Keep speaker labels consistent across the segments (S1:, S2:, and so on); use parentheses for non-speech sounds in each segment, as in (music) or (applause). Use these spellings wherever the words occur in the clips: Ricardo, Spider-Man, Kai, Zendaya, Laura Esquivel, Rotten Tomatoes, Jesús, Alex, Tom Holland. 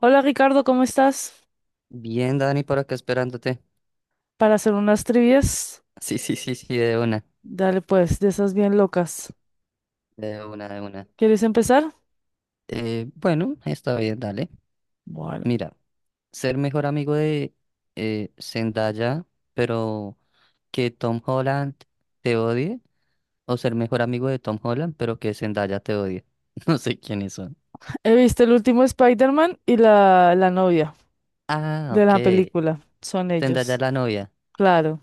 S1: Hola Ricardo, ¿cómo estás?
S2: Bien, Dani, por acá esperándote.
S1: Para hacer unas trivias,
S2: Sí, sí, sí, sí, de una,
S1: dale pues, de esas bien locas.
S2: de una, de una.
S1: ¿Quieres empezar?
S2: Bueno, está bien, dale.
S1: Bueno,
S2: Mira, ser mejor amigo de Zendaya, pero que Tom Holland te odie, o ser mejor amigo de Tom Holland, pero que Zendaya te odie. (laughs) No sé quiénes son.
S1: he visto el último Spider-Man y la novia
S2: Ah,
S1: de la
S2: ok.
S1: película. Son
S2: Zendaya es
S1: ellos,
S2: la novia,
S1: claro.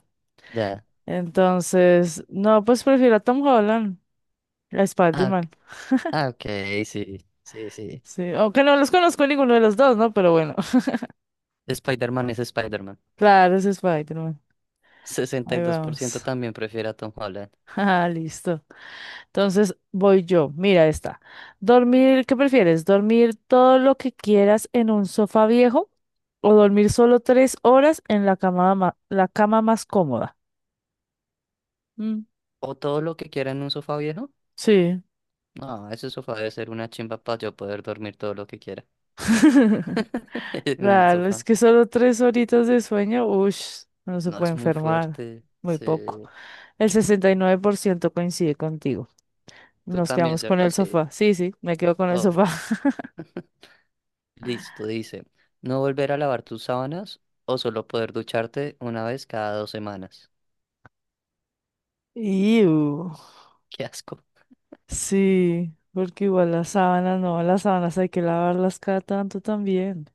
S2: ya.
S1: Entonces, no, pues prefiero a Tom Holland, a
S2: Ah, ok,
S1: Spider-Man.
S2: ah, ok, sí, sí, sí.
S1: Sí, aunque no los conozco ninguno de los dos, ¿no? Pero bueno,
S2: Spider-Man es Spider-Man.
S1: (laughs) claro, es Spider-Man.
S2: (laughs) sesenta y
S1: Ahí
S2: dos por ciento
S1: vamos.
S2: también prefiere a Tom Holland.
S1: (laughs) Ah, listo. Entonces voy yo. Mira esta. Dormir, ¿qué prefieres? ¿Dormir todo lo que quieras en un sofá viejo o dormir solo tres horas en la cama, la cama más cómoda? Mm,
S2: O todo lo que quiera en un sofá viejo.
S1: sí.
S2: No, ese sofá debe ser una chimba para yo poder dormir todo lo que quiera
S1: (laughs)
S2: (laughs) en el
S1: Claro, es
S2: sofá.
S1: que solo tres horitas de sueño, uff, no se
S2: No
S1: puede
S2: es muy
S1: enfermar.
S2: fuerte.
S1: Muy
S2: Sí.
S1: poco. El 69% coincide contigo.
S2: Tú
S1: Nos
S2: también,
S1: quedamos con
S2: ¿cierto?
S1: el
S2: Sí.
S1: sofá. Sí, sí, me quedo con el
S2: Obvio.
S1: sofá. (laughs)
S2: Listo, dice. No volver a lavar tus sábanas o solo poder ducharte una vez cada dos semanas.
S1: Iu.
S2: (laughs) Qué asco.
S1: Sí, porque igual las sábanas, no, las sábanas hay que lavarlas cada tanto también.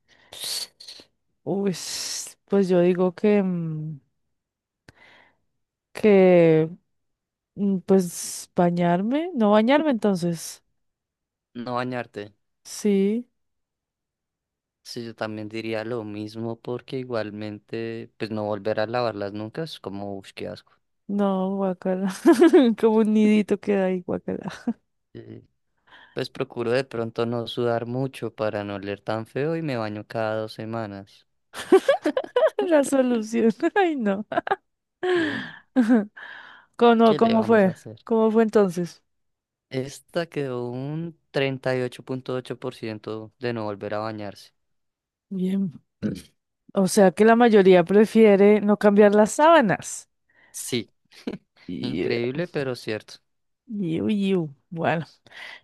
S1: Uy, pues yo digo que, que, pues bañarme, no bañarme entonces.
S2: No bañarte.
S1: Sí,
S2: Sí, yo también diría lo mismo porque igualmente, pues no volver a lavarlas nunca es como, uff, qué asco.
S1: no, guacala, (laughs) como un nidito queda ahí, guacala.
S2: Sí. Pues procuro de pronto no sudar mucho para no oler tan feo y me baño cada dos semanas.
S1: (laughs) La solución, (laughs) ay no.
S2: Eh,
S1: (laughs) ¿Cómo,
S2: ¿Qué le
S1: cómo
S2: vamos a
S1: fue?
S2: hacer?
S1: ¿Cómo fue entonces?
S2: Esta quedó un treinta y ocho 8.8% de no volver a bañarse.
S1: Bien. O sea que la mayoría prefiere no cambiar las sábanas.
S2: Sí,
S1: Iu,
S2: increíble, pero cierto.
S1: iu, iu. Bueno.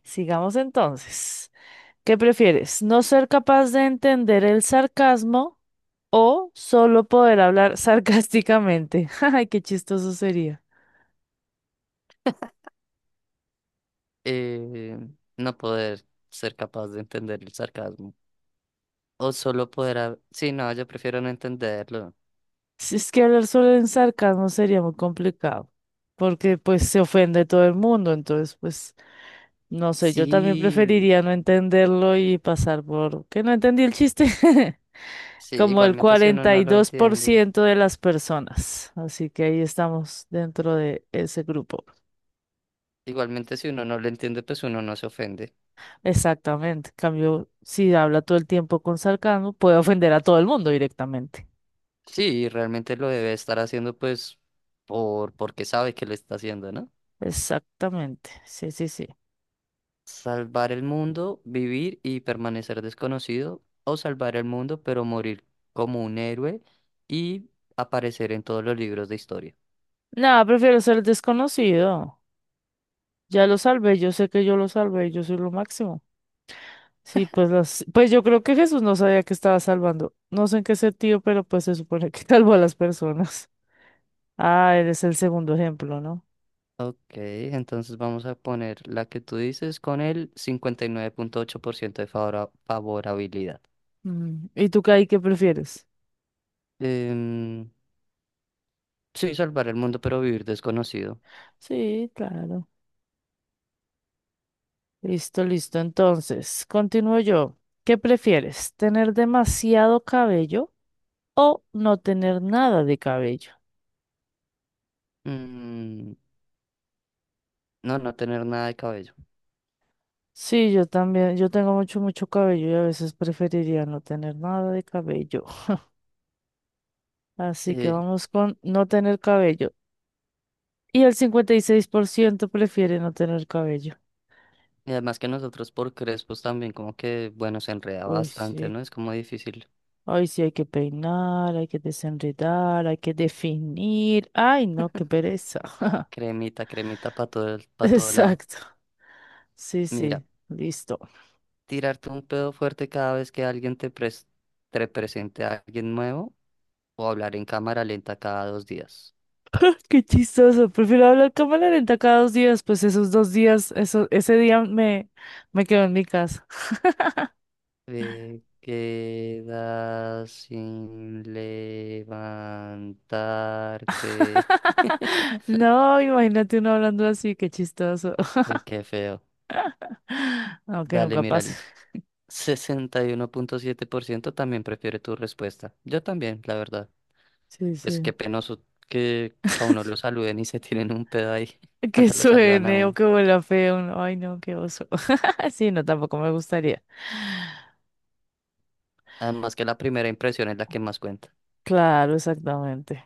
S1: Sigamos entonces. ¿Qué prefieres? ¿No ser capaz de entender el sarcasmo o solo poder hablar sarcásticamente? (laughs) Ay, qué chistoso sería.
S2: Eh, no poder ser capaz de entender el sarcasmo. O solo poder. Sí, no, yo prefiero no entenderlo.
S1: Si es que hablar solo en sarcasmo sería muy complicado, porque pues se ofende todo el mundo, entonces pues no sé, yo también
S2: Sí,
S1: preferiría no entenderlo y pasar por que no entendí el chiste, (laughs)
S2: sí,
S1: como el
S2: igualmente si uno
S1: cuarenta
S2: no
S1: y
S2: lo
S1: dos por
S2: entiende.
S1: ciento de las personas. Así que ahí estamos dentro de ese grupo.
S2: Igualmente si uno no lo entiende, pues uno no se ofende.
S1: Exactamente. En cambio, si habla todo el tiempo con sarcasmo, puede ofender a todo el mundo directamente.
S2: Sí, realmente lo debe estar haciendo pues porque sabe que lo está haciendo, ¿no?
S1: Exactamente. Sí, sí, sí.
S2: Salvar el mundo, vivir y permanecer desconocido, o salvar el mundo pero morir como un héroe y aparecer en todos los libros de historia.
S1: Nada, prefiero ser desconocido. Ya lo salvé, yo sé que yo lo salvé, yo soy lo máximo. Sí, pues las, pues yo creo que Jesús no sabía que estaba salvando. No sé en qué sentido, pero pues se supone que (laughs) salvó a las personas. Ah, eres el segundo ejemplo, ¿no?
S2: Ok, entonces vamos a poner la que tú dices con el 59.8% de favorabilidad.
S1: Mm, ¿y tú, Kai, qué prefieres?
S2: Em, sí, salvar el mundo pero vivir desconocido.
S1: Sí, claro. Listo, listo. Entonces, continúo yo. ¿Qué prefieres? ¿Tener demasiado cabello o no tener nada de cabello?
S2: Mm, no, no tener nada de cabello.
S1: Sí, yo también. Yo tengo mucho, mucho cabello y a veces preferiría no tener nada de cabello. (laughs) Así que
S2: Eh,
S1: vamos con no tener cabello. Y el 56% prefiere no tener cabello.
S2: Y además que nosotros por crespos también como que, bueno, se enreda
S1: Uy,
S2: bastante,
S1: sí.
S2: ¿no? Es como difícil.
S1: Ay, sí, hay que peinar, hay que desenredar, hay que definir. Ay, no, qué pereza. (laughs)
S2: Cremita, cremita para todo lado.
S1: Exacto. Sí,
S2: Mira,
S1: sí, listo.
S2: tirarte un pedo fuerte cada vez que alguien te presente a alguien nuevo o hablar en cámara lenta cada dos días.
S1: Qué chistoso, prefiero hablar cámara lenta cada dos días, pues esos dos días, eso, ese día me, me quedo en mi casa.
S2: Te quedas sin levantarte. (laughs)
S1: (laughs) No, imagínate uno hablando así, qué chistoso.
S2: Uy, qué feo.
S1: (laughs) Aunque
S2: Dale,
S1: nunca
S2: mira,
S1: pase.
S2: el 61.7% también prefiere tu respuesta. Yo también, la verdad.
S1: Sí,
S2: Pues
S1: sí.
S2: qué penoso que a uno lo saluden y (laughs) se tiren un pedo ahí (laughs)
S1: Que
S2: cuando lo saludan a
S1: suene o
S2: uno.
S1: que huela feo. No, ay, no, qué oso. (laughs) Sí, no, tampoco me gustaría.
S2: Además que la primera impresión es la que más cuenta.
S1: Claro, exactamente.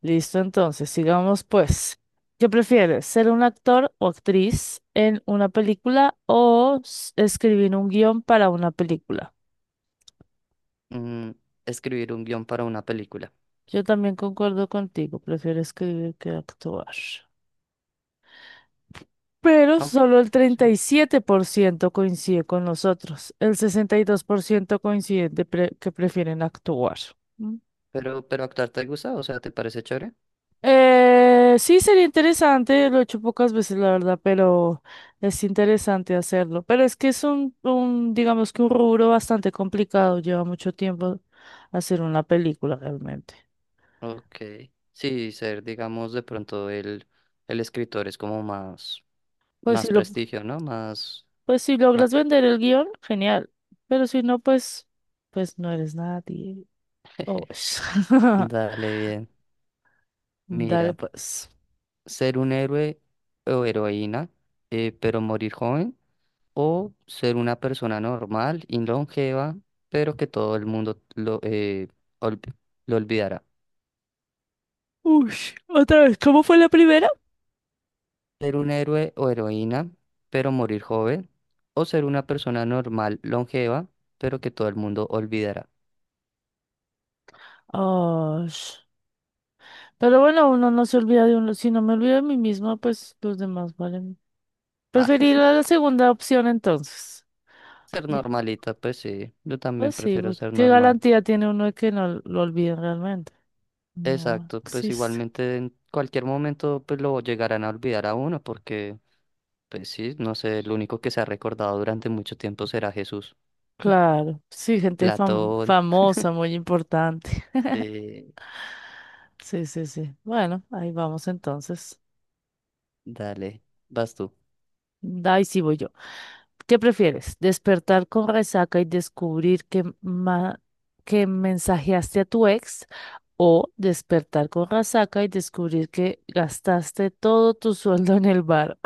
S1: Listo, entonces, sigamos pues. ¿Qué prefieres, ser un actor o actriz en una película o escribir un guión para una película?
S2: Mm, escribir un guión para una película.
S1: Yo también concuerdo contigo, prefiero escribir que actuar. Pero
S2: Aunque,
S1: solo el
S2: sí.
S1: treinta y siete por ciento coincide con nosotros, el 62% coincide de que prefieren actuar.
S2: Pero actuar te gusta, o sea, ¿te parece chévere?
S1: Sí, sería interesante, lo he hecho pocas veces, la verdad, pero es interesante hacerlo. Pero es que es un, digamos que un rubro bastante complicado, lleva mucho tiempo hacer una película realmente.
S2: Ok. Sí, ser, digamos, de pronto el escritor es como más,
S1: Pues si
S2: más
S1: lo,
S2: prestigio, ¿no? Más,
S1: pues si
S2: más...
S1: logras vender el guión, genial. Pero si no, pues, pues no eres nadie. Oh, pues. (laughs)
S2: Dale bien.
S1: Dale
S2: Mira,
S1: pues.
S2: ser un héroe o heroína, pero morir joven. O ser una persona normal y longeva, pero que todo el mundo olvi- lo olvidará.
S1: Uy, otra vez, ¿cómo fue la primera?
S2: Ser un héroe o heroína, pero morir joven, o ser una persona normal, longeva, pero que todo el mundo olvidará.
S1: Oh, pero bueno, uno no se olvida de uno. Si no me olvido de mí misma, pues los demás valen.
S2: Ah, (laughs)
S1: Preferiría la segunda opción entonces.
S2: ser normalita, pues sí, yo también
S1: Pues sí,
S2: prefiero
S1: porque
S2: ser
S1: ¿qué
S2: normal.
S1: garantía tiene uno de que no lo olviden realmente? No
S2: Exacto, pues
S1: existe.
S2: igualmente en cualquier momento pues lo llegarán a olvidar a uno porque, pues sí, no sé, el único que se ha recordado durante mucho tiempo será Jesús, (laughs)
S1: Claro, sí,
S2: Platón.
S1: famosa, muy importante.
S2: eh,
S1: Sí, sí, sí. Bueno, ahí vamos entonces.
S2: Dale, vas tú.
S1: Ahí sí voy yo. ¿Qué prefieres? ¿Despertar con resaca y descubrir que mensajeaste a tu ex? ¿O despertar con resaca y descubrir que gastaste todo tu sueldo en el bar?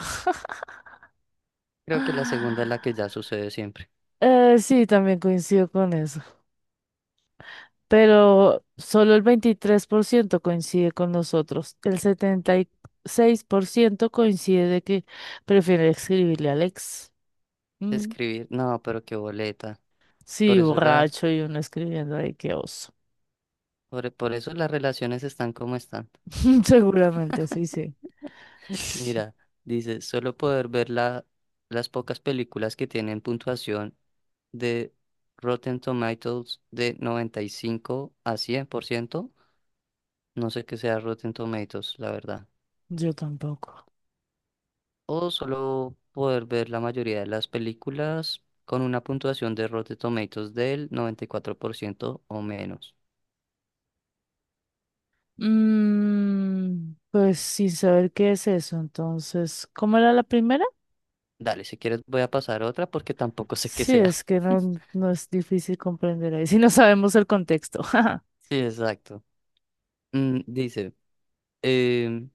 S2: Creo que la segunda es la que
S1: (laughs)
S2: ya sucede siempre.
S1: Sí, también coincido con eso, pero solo el 23% coincide con nosotros. El 76% coincide de que prefiere escribirle a Alex. Mm,
S2: Escribir, no, pero qué boleta. Por
S1: Sí,
S2: eso la,
S1: borracho y uno escribiendo ahí, qué oso.
S2: por eso las relaciones están como están.
S1: (laughs) Seguramente, sí, sí.
S2: (laughs) Mira, dice, solo poder ver las pocas películas que tienen puntuación de Rotten Tomatoes de 95 a 100%. No sé qué sea Rotten Tomatoes, la verdad.
S1: Yo tampoco.
S2: O solo poder ver la mayoría de las películas con una puntuación de Rotten Tomatoes del 94% o menos.
S1: Pues sin saber qué es eso, entonces, ¿cómo era la primera?
S2: Dale, si quieres voy a pasar a otra porque tampoco (laughs) sé qué
S1: Sí,
S2: sea.
S1: es que no,
S2: (laughs)
S1: no es difícil comprender ahí, (laughs) si no sabemos el contexto. (laughs)
S2: Sí, exacto. Dice, em,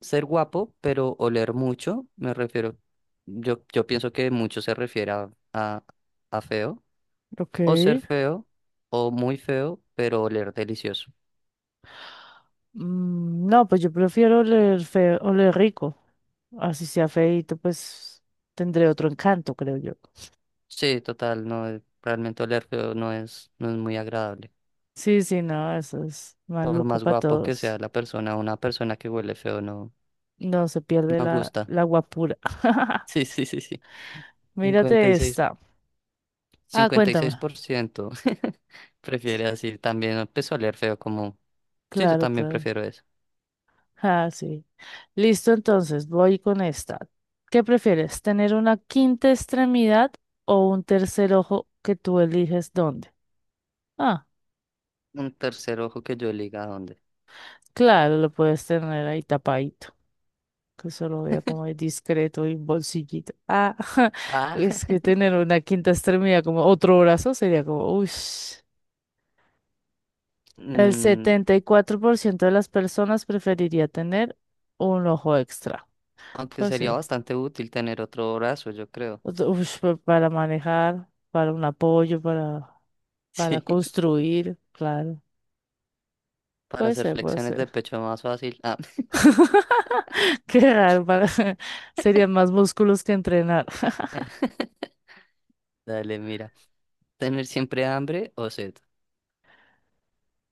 S2: ser guapo, pero oler mucho, me refiero, yo pienso que mucho se refiere a feo,
S1: Ok.
S2: o ser feo, o muy feo, pero oler delicioso.
S1: No, pues yo prefiero oler feo, oler rico. Así sea feíto, pues tendré otro encanto, creo yo.
S2: Sí, total, no, realmente oler feo no es no es muy agradable.
S1: Sí, sí, no, eso es
S2: Por
S1: maluco
S2: más
S1: para
S2: guapo que sea
S1: todos.
S2: la persona, una persona que huele feo no,
S1: No se pierde
S2: no
S1: la,
S2: gusta. (laughs)
S1: la guapura. (laughs)
S2: Sí, sí, sí, sí.
S1: Mírate
S2: 56,
S1: esta. Ah, cuéntame.
S2: 56% (laughs) prefiere así. También empezó a oler feo como... Sí, yo
S1: Claro,
S2: también
S1: claro.
S2: prefiero eso.
S1: Ah, sí. Listo, entonces, voy con esta. ¿Qué prefieres? ¿Tener una quinta extremidad o un tercer ojo que tú eliges dónde? Ah,
S2: Un tercer ojo que yo liga a dónde.
S1: claro, lo puedes tener ahí tapadito. Que solo vea como es discreto y bolsillito. Ah, (laughs)
S2: Ah,
S1: es que
S2: (laughs)
S1: tener una quinta extremidad como otro brazo sería como, uy. El
S2: mm,
S1: 74% de las personas preferiría tener un ojo extra.
S2: aunque
S1: Pues
S2: sería
S1: sí.
S2: bastante útil tener otro brazo, yo creo.
S1: Otro- ush, para manejar, para un apoyo, para
S2: Sí, (laughs)
S1: construir, claro.
S2: para
S1: Puede
S2: hacer
S1: ser, puede
S2: flexiones de
S1: ser.
S2: pecho más fácil. Ah,
S1: (laughs) Qué raro, para- (laughs) serían más músculos que entrenar.
S2: (laughs) dale, mira. ¿Tener siempre hambre o sed?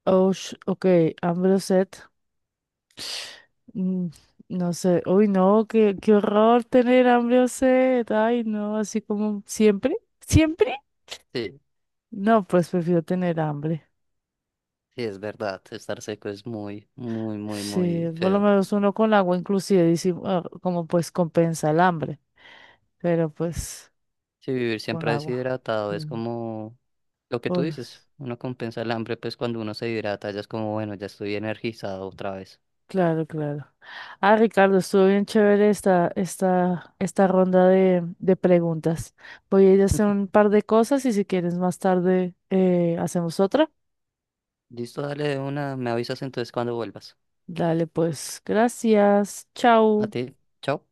S1: (laughs) Ush, ok, hambre o sed. Mm, No sé, uy, no, qué, qué horror tener hambre o sed, ay, no, así como siempre, siempre.
S2: Sí.
S1: No, pues prefiero tener hambre.
S2: Sí, es verdad, estar seco es muy, muy, muy,
S1: Sí,
S2: muy
S1: por lo
S2: feo.
S1: menos uno con agua inclusive, dice, ah, como pues compensa el hambre, pero pues
S2: Sí, vivir
S1: con
S2: siempre
S1: agua.
S2: deshidratado es
S1: Mm.
S2: como lo que tú
S1: Uy,
S2: dices, uno compensa el hambre, pues cuando uno se hidrata ya es como, bueno, ya estoy energizado otra vez.
S1: claro, claro. Ah, Ricardo, estuvo bien chévere esta ronda de preguntas. Voy a ir a hacer un
S2: (laughs)
S1: par de cosas y si quieres más tarde hacemos otra.
S2: Listo, dale de una, me avisas entonces cuando vuelvas.
S1: Dale, pues, gracias.
S2: A
S1: Chao.
S2: ti, chao.